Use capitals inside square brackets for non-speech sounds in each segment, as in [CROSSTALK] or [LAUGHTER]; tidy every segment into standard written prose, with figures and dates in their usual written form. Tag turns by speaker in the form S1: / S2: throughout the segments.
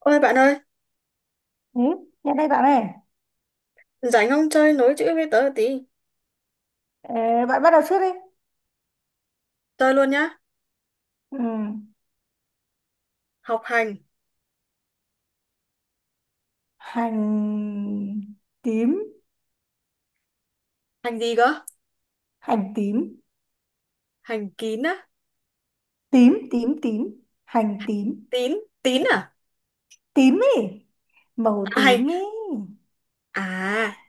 S1: Ôi bạn ơi,
S2: Ừ, nhân đây bạn này.
S1: rảnh không chơi nối chữ với tớ một tí.
S2: Ờ, Bạn bắt đầu trước đi.
S1: Chơi luôn nhá.
S2: Ừ.
S1: Học hành.
S2: Hành tím,
S1: Hành gì cơ?
S2: hành tím,
S1: Hành kín á?
S2: tím, tím, tím, hành tím,
S1: Tín? Tín à?
S2: tím ý, màu
S1: À hay.
S2: tím ý,
S1: À,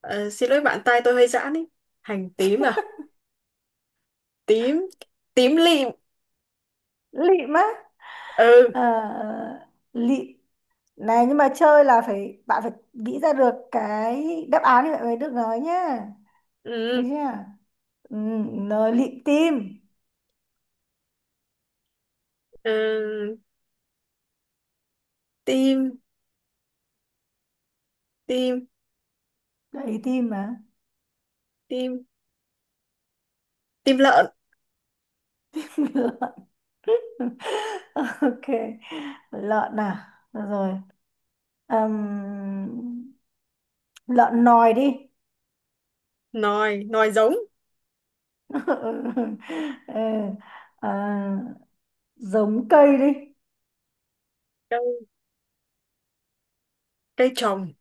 S1: Xin lỗi bạn, tai tôi hơi giãn ý. Hành tím à? Tím. Tím lịm.
S2: lịm á,
S1: Ừ.
S2: Ờ, lịm. Này nhưng mà chơi là phải, bạn phải nghĩ ra được cái đáp án thì bạn mới được nói nhá. Được
S1: Ừ.
S2: chưa? Ừ, nói lịm tim,
S1: ừ. Tim. Tim.
S2: đấy tim mà.
S1: Tim. Tim lợn.
S2: [LAUGHS] [LAUGHS] ok, lợn à. Được rồi. Ừm, Lợn nòi đi.
S1: Nòi. Nòi giống.
S2: [LAUGHS] Ừ. Ừ, à, giống cây đi.
S1: Cây. Cây trồng.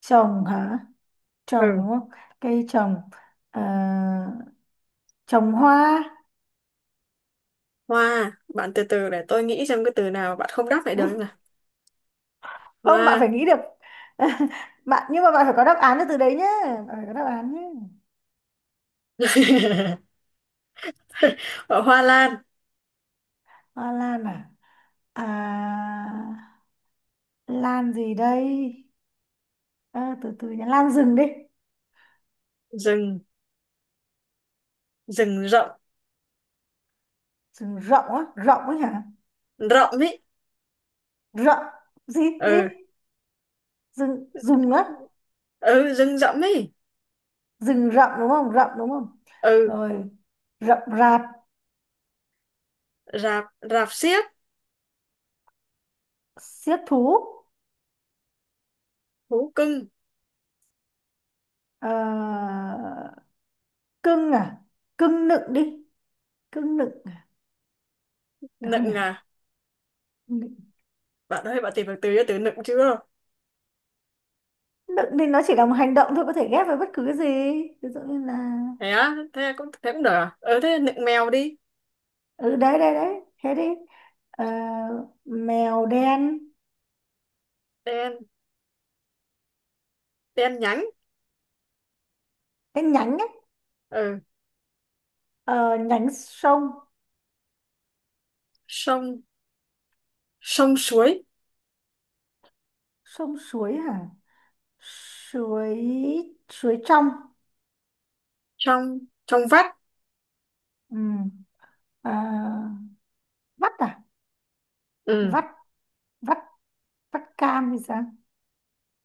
S2: Trồng hả, trồng
S1: Ừ.
S2: đúng không, cây trồng, à, trồng hoa.
S1: Hoa. Bạn từ từ để tôi nghĩ xem cái từ nào bạn không đáp lại được không
S2: [LAUGHS]
S1: nào.
S2: Không, bạn phải
S1: Hoa.
S2: nghĩ được. [LAUGHS] Bạn, nhưng mà bạn phải có đáp án từ đấy nhé, bạn phải có đáp án nhé.
S1: [LAUGHS] Hoa lan.
S2: Hoa lan à, à lan gì đây, à, từ từ nhá, lan rừng đi.
S1: Rừng rừng rộng.
S2: Rừng rộng á, rộng ấy hả,
S1: Rộng ấy
S2: rộng gì, gì,
S1: ừ
S2: rừng rừng á,
S1: ừ Rừng rộng ấy.
S2: rừng rậm đúng không, rậm đúng không,
S1: ừ
S2: rồi rậm rạp,
S1: rạp rạp xiếc.
S2: xiết thú.
S1: Thú cưng.
S2: Ờ, Cưng à, cưng nựng đi, cưng nựng à? Được không nhỉ,
S1: Nựng à?
S2: nựng.
S1: Bạn ơi, bạn tìm được từ cho từ nựng chưa?
S2: Nựng thì nó chỉ là một hành động thôi, có thể ghép với bất cứ cái gì, ví dụ như là,
S1: Thế á? Thế cũng, thế cũng được à? Ừ, thế nựng mèo đi.
S2: ừ đấy đấy đấy thế đi. Ờ, Mèo đen,
S1: Đen. Đen nhánh.
S2: cái nhánh ấy.
S1: Ừ.
S2: Ờ, Nhánh sông,
S1: Sông. Sông suối.
S2: sông suối hả, suối, suối trong.
S1: Trong. Trong vắt.
S2: Ừ. À, vắt à,
S1: Ừ.
S2: vắt, vắt, vắt cam thì sao.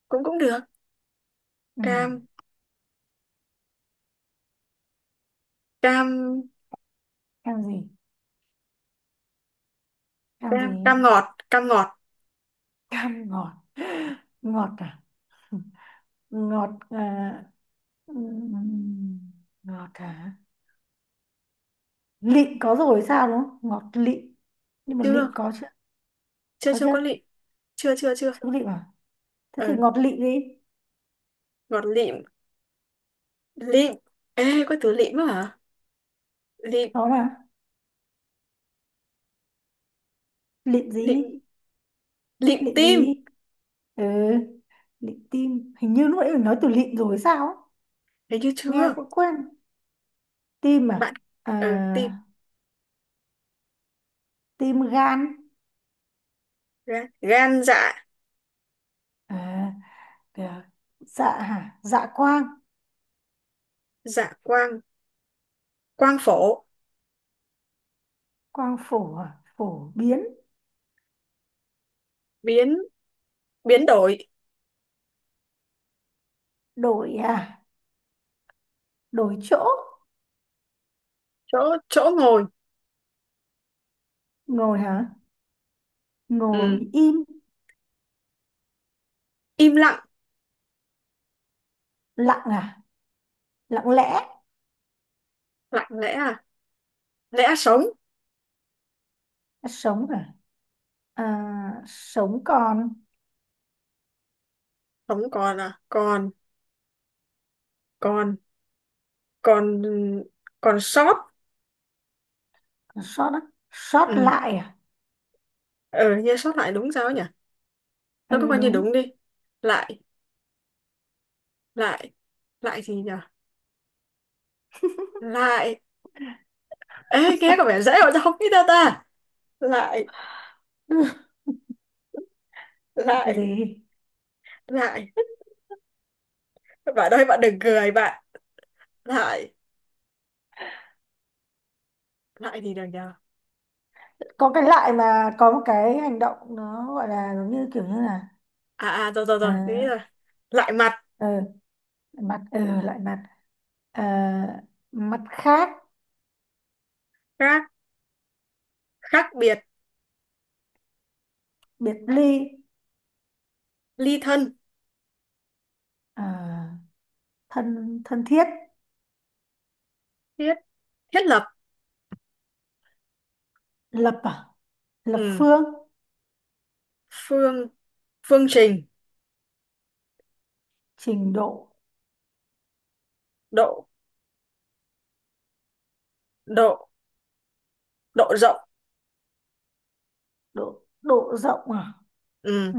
S1: cũng cũng được.
S2: Ừ.
S1: cam cam
S2: Cam gì, cam
S1: Cam,
S2: gì,
S1: cam ngọt. Cam ngọt.
S2: cam ngọt. [LAUGHS] Ngọt à, ngọt à, ừm, ngọt à, lịm có rồi sao đúng không, ngọt lịm, nhưng mà
S1: chưa
S2: lịm có chưa,
S1: chưa
S2: có
S1: chưa
S2: chưa,
S1: có lịm chưa chưa chưa
S2: chưa có lịm à, thế thì
S1: ừ
S2: ngọt lịm đi,
S1: Ngọt lịm. Lịm. Ê, có từ lịm á hả? Lịm
S2: có mà, lịm
S1: lịm
S2: gì,
S1: lịm
S2: lịm
S1: tim.
S2: gì. Ừ, lịm tim, hình như lúc nãy mình nói từ lịm rồi sao ấy.
S1: Thấy như
S2: Nghe
S1: chưa,
S2: cũng quên. Tim à,
S1: bạn?
S2: à
S1: Ừ, tim
S2: tim gan,
S1: gan, gan dạ.
S2: à, à, dạ hả, dạ quang,
S1: Dạ quang. Quang phổ
S2: quang phổ à, phổ biến,
S1: biến. Biến đổi.
S2: đổi à, đổi chỗ,
S1: Chỗ. Chỗ ngồi.
S2: ngồi hả, ngồi
S1: Ừ.
S2: im,
S1: Im lặng.
S2: lặng à, lặng lẽ,
S1: Lặng lẽ à? Lẽ sống.
S2: sống à, à sống còn,
S1: Sống còn à? Còn còn còn còn sót.
S2: sót á, sót
S1: Ừ,
S2: lại à,
S1: ờ như sót lại đúng sao ấy nhỉ? Nó có
S2: ừ,
S1: coi như
S2: đúng.
S1: đúng đi.
S2: [LAUGHS]
S1: Lại. lại Lại gì nhỉ? Lại, ê nghe có vẻ dễ mà sao không biết đâu ta. Lại
S2: Ừ, lại
S1: lại
S2: gì.
S1: Lại, bạn ơi bạn đừng cười bạn. Lại. Lại gì được nhờ?
S2: Có cái lại mà có một cái hành động nó gọi là giống như kiểu như là,
S1: À, rồi rồi rồi thế
S2: à,
S1: rồi lại mặt.
S2: ờ, mặt ờ lại mặt, à, mặt khác,
S1: Khác. Khác biệt.
S2: biệt ly,
S1: Ly thân.
S2: à, thân thân thiết
S1: Thiết. Thiết lập.
S2: lập, à lập
S1: Ừ.
S2: phương
S1: Phương. Phương trình
S2: trình độ,
S1: Độ độ độ rộng.
S2: độ, độ rộng à.
S1: Ừ.
S2: Ừ.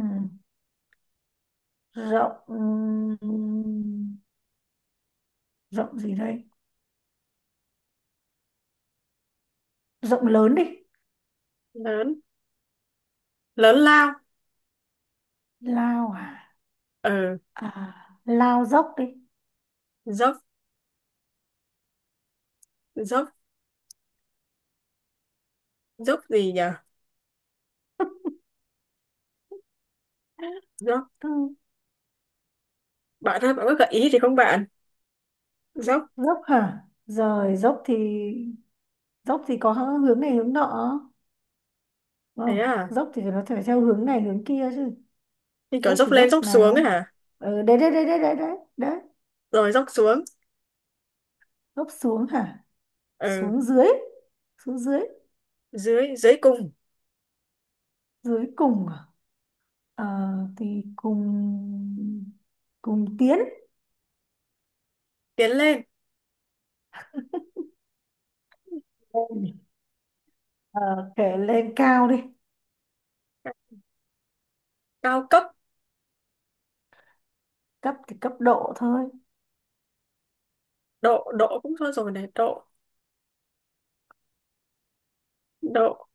S2: Rộng, rộng gì đây, rộng lớn đi,
S1: Lớn. Lớn lao.
S2: lao à,
S1: Ừ.
S2: à lao dốc đi.
S1: Dốc. dốc Dốc gì nhờ? Dốc.
S2: Ừ.
S1: Bạn ơi, bạn có gợi ý thì không, bạn? Dốc.
S2: Dốc hả, rồi dốc thì, dốc thì có hướng này hướng nọ, đúng
S1: Thế
S2: không,
S1: à?
S2: dốc thì nó phải theo hướng này hướng kia chứ,
S1: Như kiểu
S2: dốc
S1: dốc
S2: thì
S1: lên
S2: dốc
S1: dốc xuống ấy
S2: nào.
S1: hả?
S2: Ừ, đấy đấy đấy đấy đấy đấy,
S1: Rồi dốc xuống.
S2: dốc xuống hả,
S1: Ừ.
S2: xuống dưới, xuống dưới,
S1: Dưới. Dưới cùng
S2: dưới cùng à? Ờ, thì cùng, cùng tiến
S1: tiến lên.
S2: lên. Ờ, Kể lên cao đi,
S1: Cao cấp.
S2: cấp thì cấp độ thôi,
S1: Độ, cũng thôi rồi này. Độ độ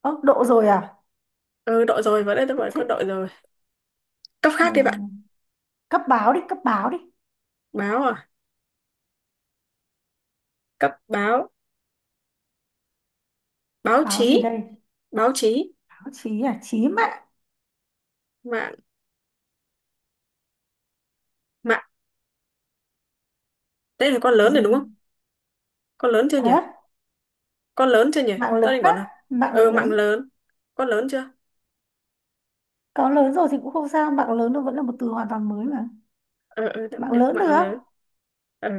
S2: ơ độ rồi à,
S1: Ừ, đội rồi, vào đây tôi
S2: thế,
S1: bảo
S2: thế,
S1: có đội rồi. Cấp
S2: ờ,
S1: khác đi bạn.
S2: cấp báo đi, cấp báo đi,
S1: Báo à? Cấp báo. Báo
S2: báo gì
S1: chí.
S2: đây,
S1: Báo chí.
S2: báo chí à, chí mạng,
S1: Mạng. Mạng. Đây là con lớn rồi đúng
S2: gì,
S1: không? Con lớn chưa nhỉ?
S2: à,
S1: Con lớn chưa nhỉ?
S2: mạng lớn
S1: Tao định
S2: á,
S1: bảo nào?
S2: mạng
S1: Ừ, mạng
S2: lớn,
S1: lớn. Con lớn chưa?
S2: có lớn rồi thì cũng không sao, mạng lớn nó vẫn là một từ hoàn toàn mới mà,
S1: Ừ, ừ, đúng
S2: mạng
S1: được.
S2: lớn
S1: Mạng
S2: được.
S1: lớn. Ừ,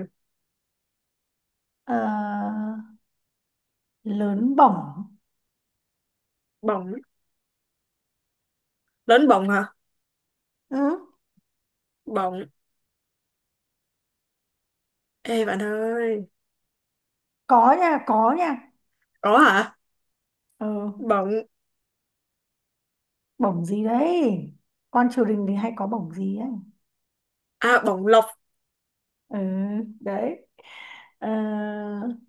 S2: Ờ, Lớn bổng.
S1: bỏng. Lớn bỏng hả?
S2: Ừ.
S1: Bỏng. Ê bạn ơi.
S2: Có nha, có nha.
S1: Có hả?
S2: Ừ.
S1: Bỏng.
S2: Bổng gì đấy, con triều đình thì hay có bổng gì ấy,
S1: À, bỏng lộc.
S2: ừ, đấy. Ờ,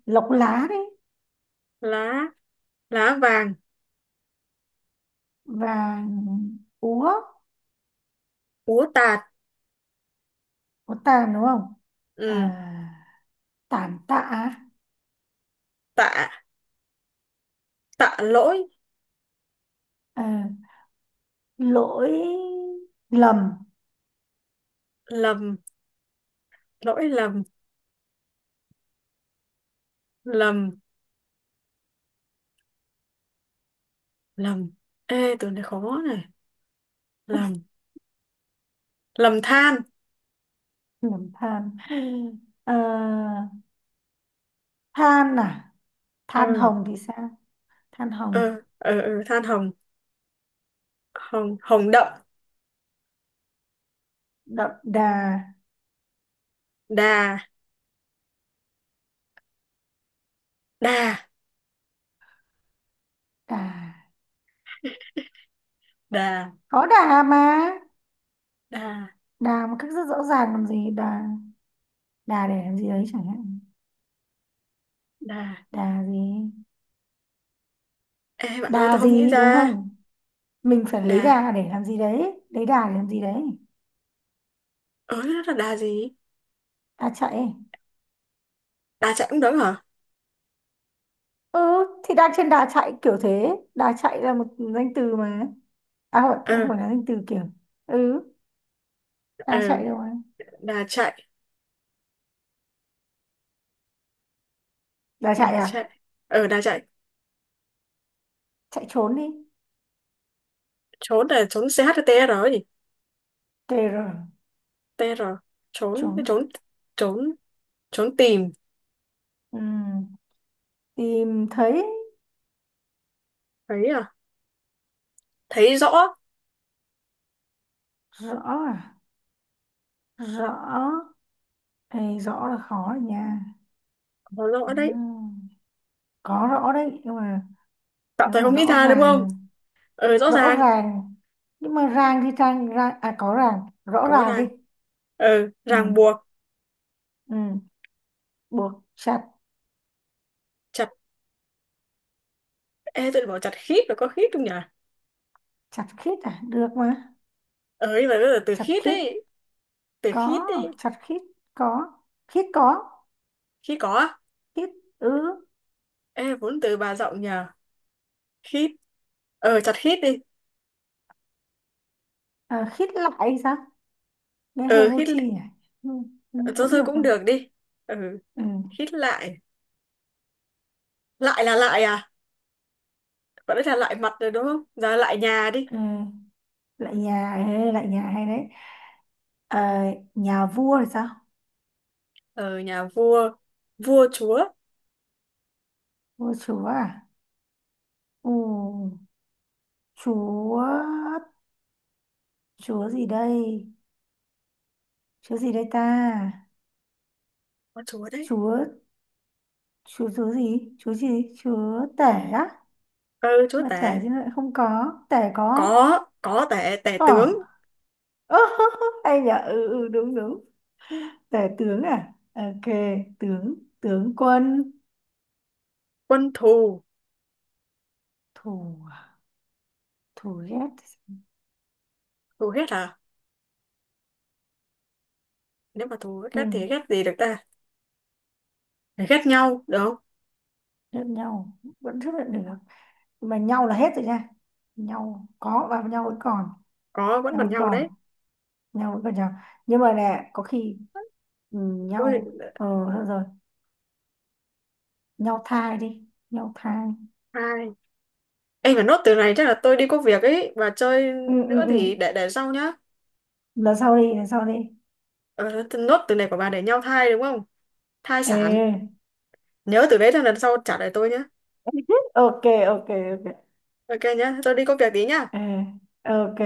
S2: Lộc lá đấy,
S1: Lá. Lá vàng.
S2: vàng úa,
S1: Úa tạt.
S2: có tàn đúng không, à,
S1: Ừ,
S2: tàn tạ à?
S1: tạ. Tạ lỗi.
S2: Ờ, Lỗi lầm,
S1: Lầm. Lỗi lầm. Lầm. Lầm. Ê, từ này khó này. Lầm. Lầm than.
S2: lầm than. Ờ, Than à,
S1: ờ
S2: than hồng thì sao, than hồng
S1: ờ, Than hồng. Hồng đậm.
S2: đậm đà,
S1: Đà đà
S2: đà,
S1: đà
S2: có đà mà,
S1: đà
S2: đà một cách rất rõ ràng làm gì đà, đà để làm gì đấy chẳng hạn,
S1: Đà,
S2: đà gì,
S1: ê bạn ơi
S2: đà
S1: tôi không nghĩ
S2: gì đúng
S1: ra.
S2: không, mình phải
S1: Đà,
S2: lấy đà để làm gì đấy, lấy đà để làm gì đấy,
S1: ớ nó là đà gì?
S2: đà chạy,
S1: Đà chạy cũng đúng hả?
S2: ừ thì đang trên đà chạy kiểu thế, đà chạy là một danh từ mà, à không,
S1: ờ
S2: cũng phải là danh từ kiểu, ừ,
S1: ờ
S2: đà chạy rồi,
S1: Đà chạy.
S2: đà chạy
S1: đà
S2: à,
S1: chạy Đà chạy
S2: chạy trốn đi,
S1: trốn. Là trốn ch hay tr rồi gì?
S2: tr
S1: Tr. trốn
S2: trốn.
S1: trốn trốn trốn tìm.
S2: Ừ. Tìm thấy,
S1: Thấy à? Thấy rõ.
S2: rõ à, rõ. Ê, rõ là khó rồi nha.
S1: Có
S2: Ừ.
S1: rõ đấy,
S2: Có rõ đấy nhưng mà,
S1: tạm
S2: nếu
S1: thời
S2: mà
S1: không nghĩ
S2: rõ
S1: ra đúng không?
S2: ràng,
S1: Ờ, rõ
S2: rõ
S1: ràng.
S2: ràng, nhưng mà ràng thì ràng, ràng à có ràng rõ
S1: Có
S2: ràng đi,
S1: ràng, ờ
S2: ừ,
S1: ràng buộc.
S2: ừ, buộc chặt,
S1: Chả, ê, tụi bảo chặt khít rồi, có khít không nhỉ?
S2: chặt khít à, được mà,
S1: Ờ, nhưng mà bây giờ từ
S2: chặt
S1: khít
S2: khít
S1: ấy, từ
S2: có,
S1: khít ấy,
S2: chặt khít có, khít có,
S1: khít có á?
S2: khít ứ,
S1: Ê, vốn từ bà rộng nhỉ? Khít. Ờ, chặt khít đi.
S2: à, khít lại hay sao, nghe hơi
S1: Ờ,
S2: vô
S1: khít,
S2: tri nhỉ, ừ, ừ,
S1: ờ, thôi
S2: vẫn
S1: thôi
S2: được
S1: cũng
S2: mà,
S1: được đi. Ừ,
S2: ừ,
S1: khít lại. Lại là lại à? Còn đấy là lại mặt rồi đúng không? Giờ lại nhà đi.
S2: ừ. Lại nhà, ê, lại nhà hay đấy. Ờ, Nhà vua thì sao,
S1: Ờ, nhà vua. Vua chúa.
S2: vua chúa à, ừ, chúa, chúa gì đây, chúa gì đây ta,
S1: Có chúa đấy.
S2: chúa, chúa gì, chúa gì, chúa tể, á,
S1: Ờ, chúa
S2: mà tể
S1: tể.
S2: thì lại không có, tể có,
S1: Có tể, tể tướng.
S2: có. Ơ, [LAUGHS] hay nhở, ừ, ừ đúng đúng, tể tướng à, ok, tướng, tướng quân,
S1: Quân thù.
S2: thủ, thủ ghét,
S1: Thù hết à? Nếu mà thù
S2: ừ,
S1: ghét thì ghét gì được ta? Ghét nhau, được không?
S2: lẫn nhau vẫn chấp nhận được, mà nhau là hết rồi nha, nhau có và nhau vẫn còn,
S1: Có, vẫn
S2: nhau
S1: còn
S2: vẫn
S1: nhau
S2: còn,
S1: đấy.
S2: nhau vẫn còn nhau, nhưng mà nè có khi, ừ,
S1: Ôi,
S2: nhau ờ, thôi rồi, nhau thai đi, nhau thai,
S1: hai. Ê, mà nốt từ này chắc là tôi đi có việc ấy, và chơi
S2: ừ ừ
S1: nữa
S2: ừ,
S1: thì để sau nhá.
S2: lần sau đi, lần sau đi.
S1: Ờ, nốt từ này của bà để nhau thai đúng không? Thai sản.
S2: Ê,
S1: Nhớ từ đấy cho lần sau trả lại tôi nhá.
S2: [LAUGHS] ok, ok, ok.
S1: OK nhá, tôi đi có việc tí nhá.
S2: Ê, ok.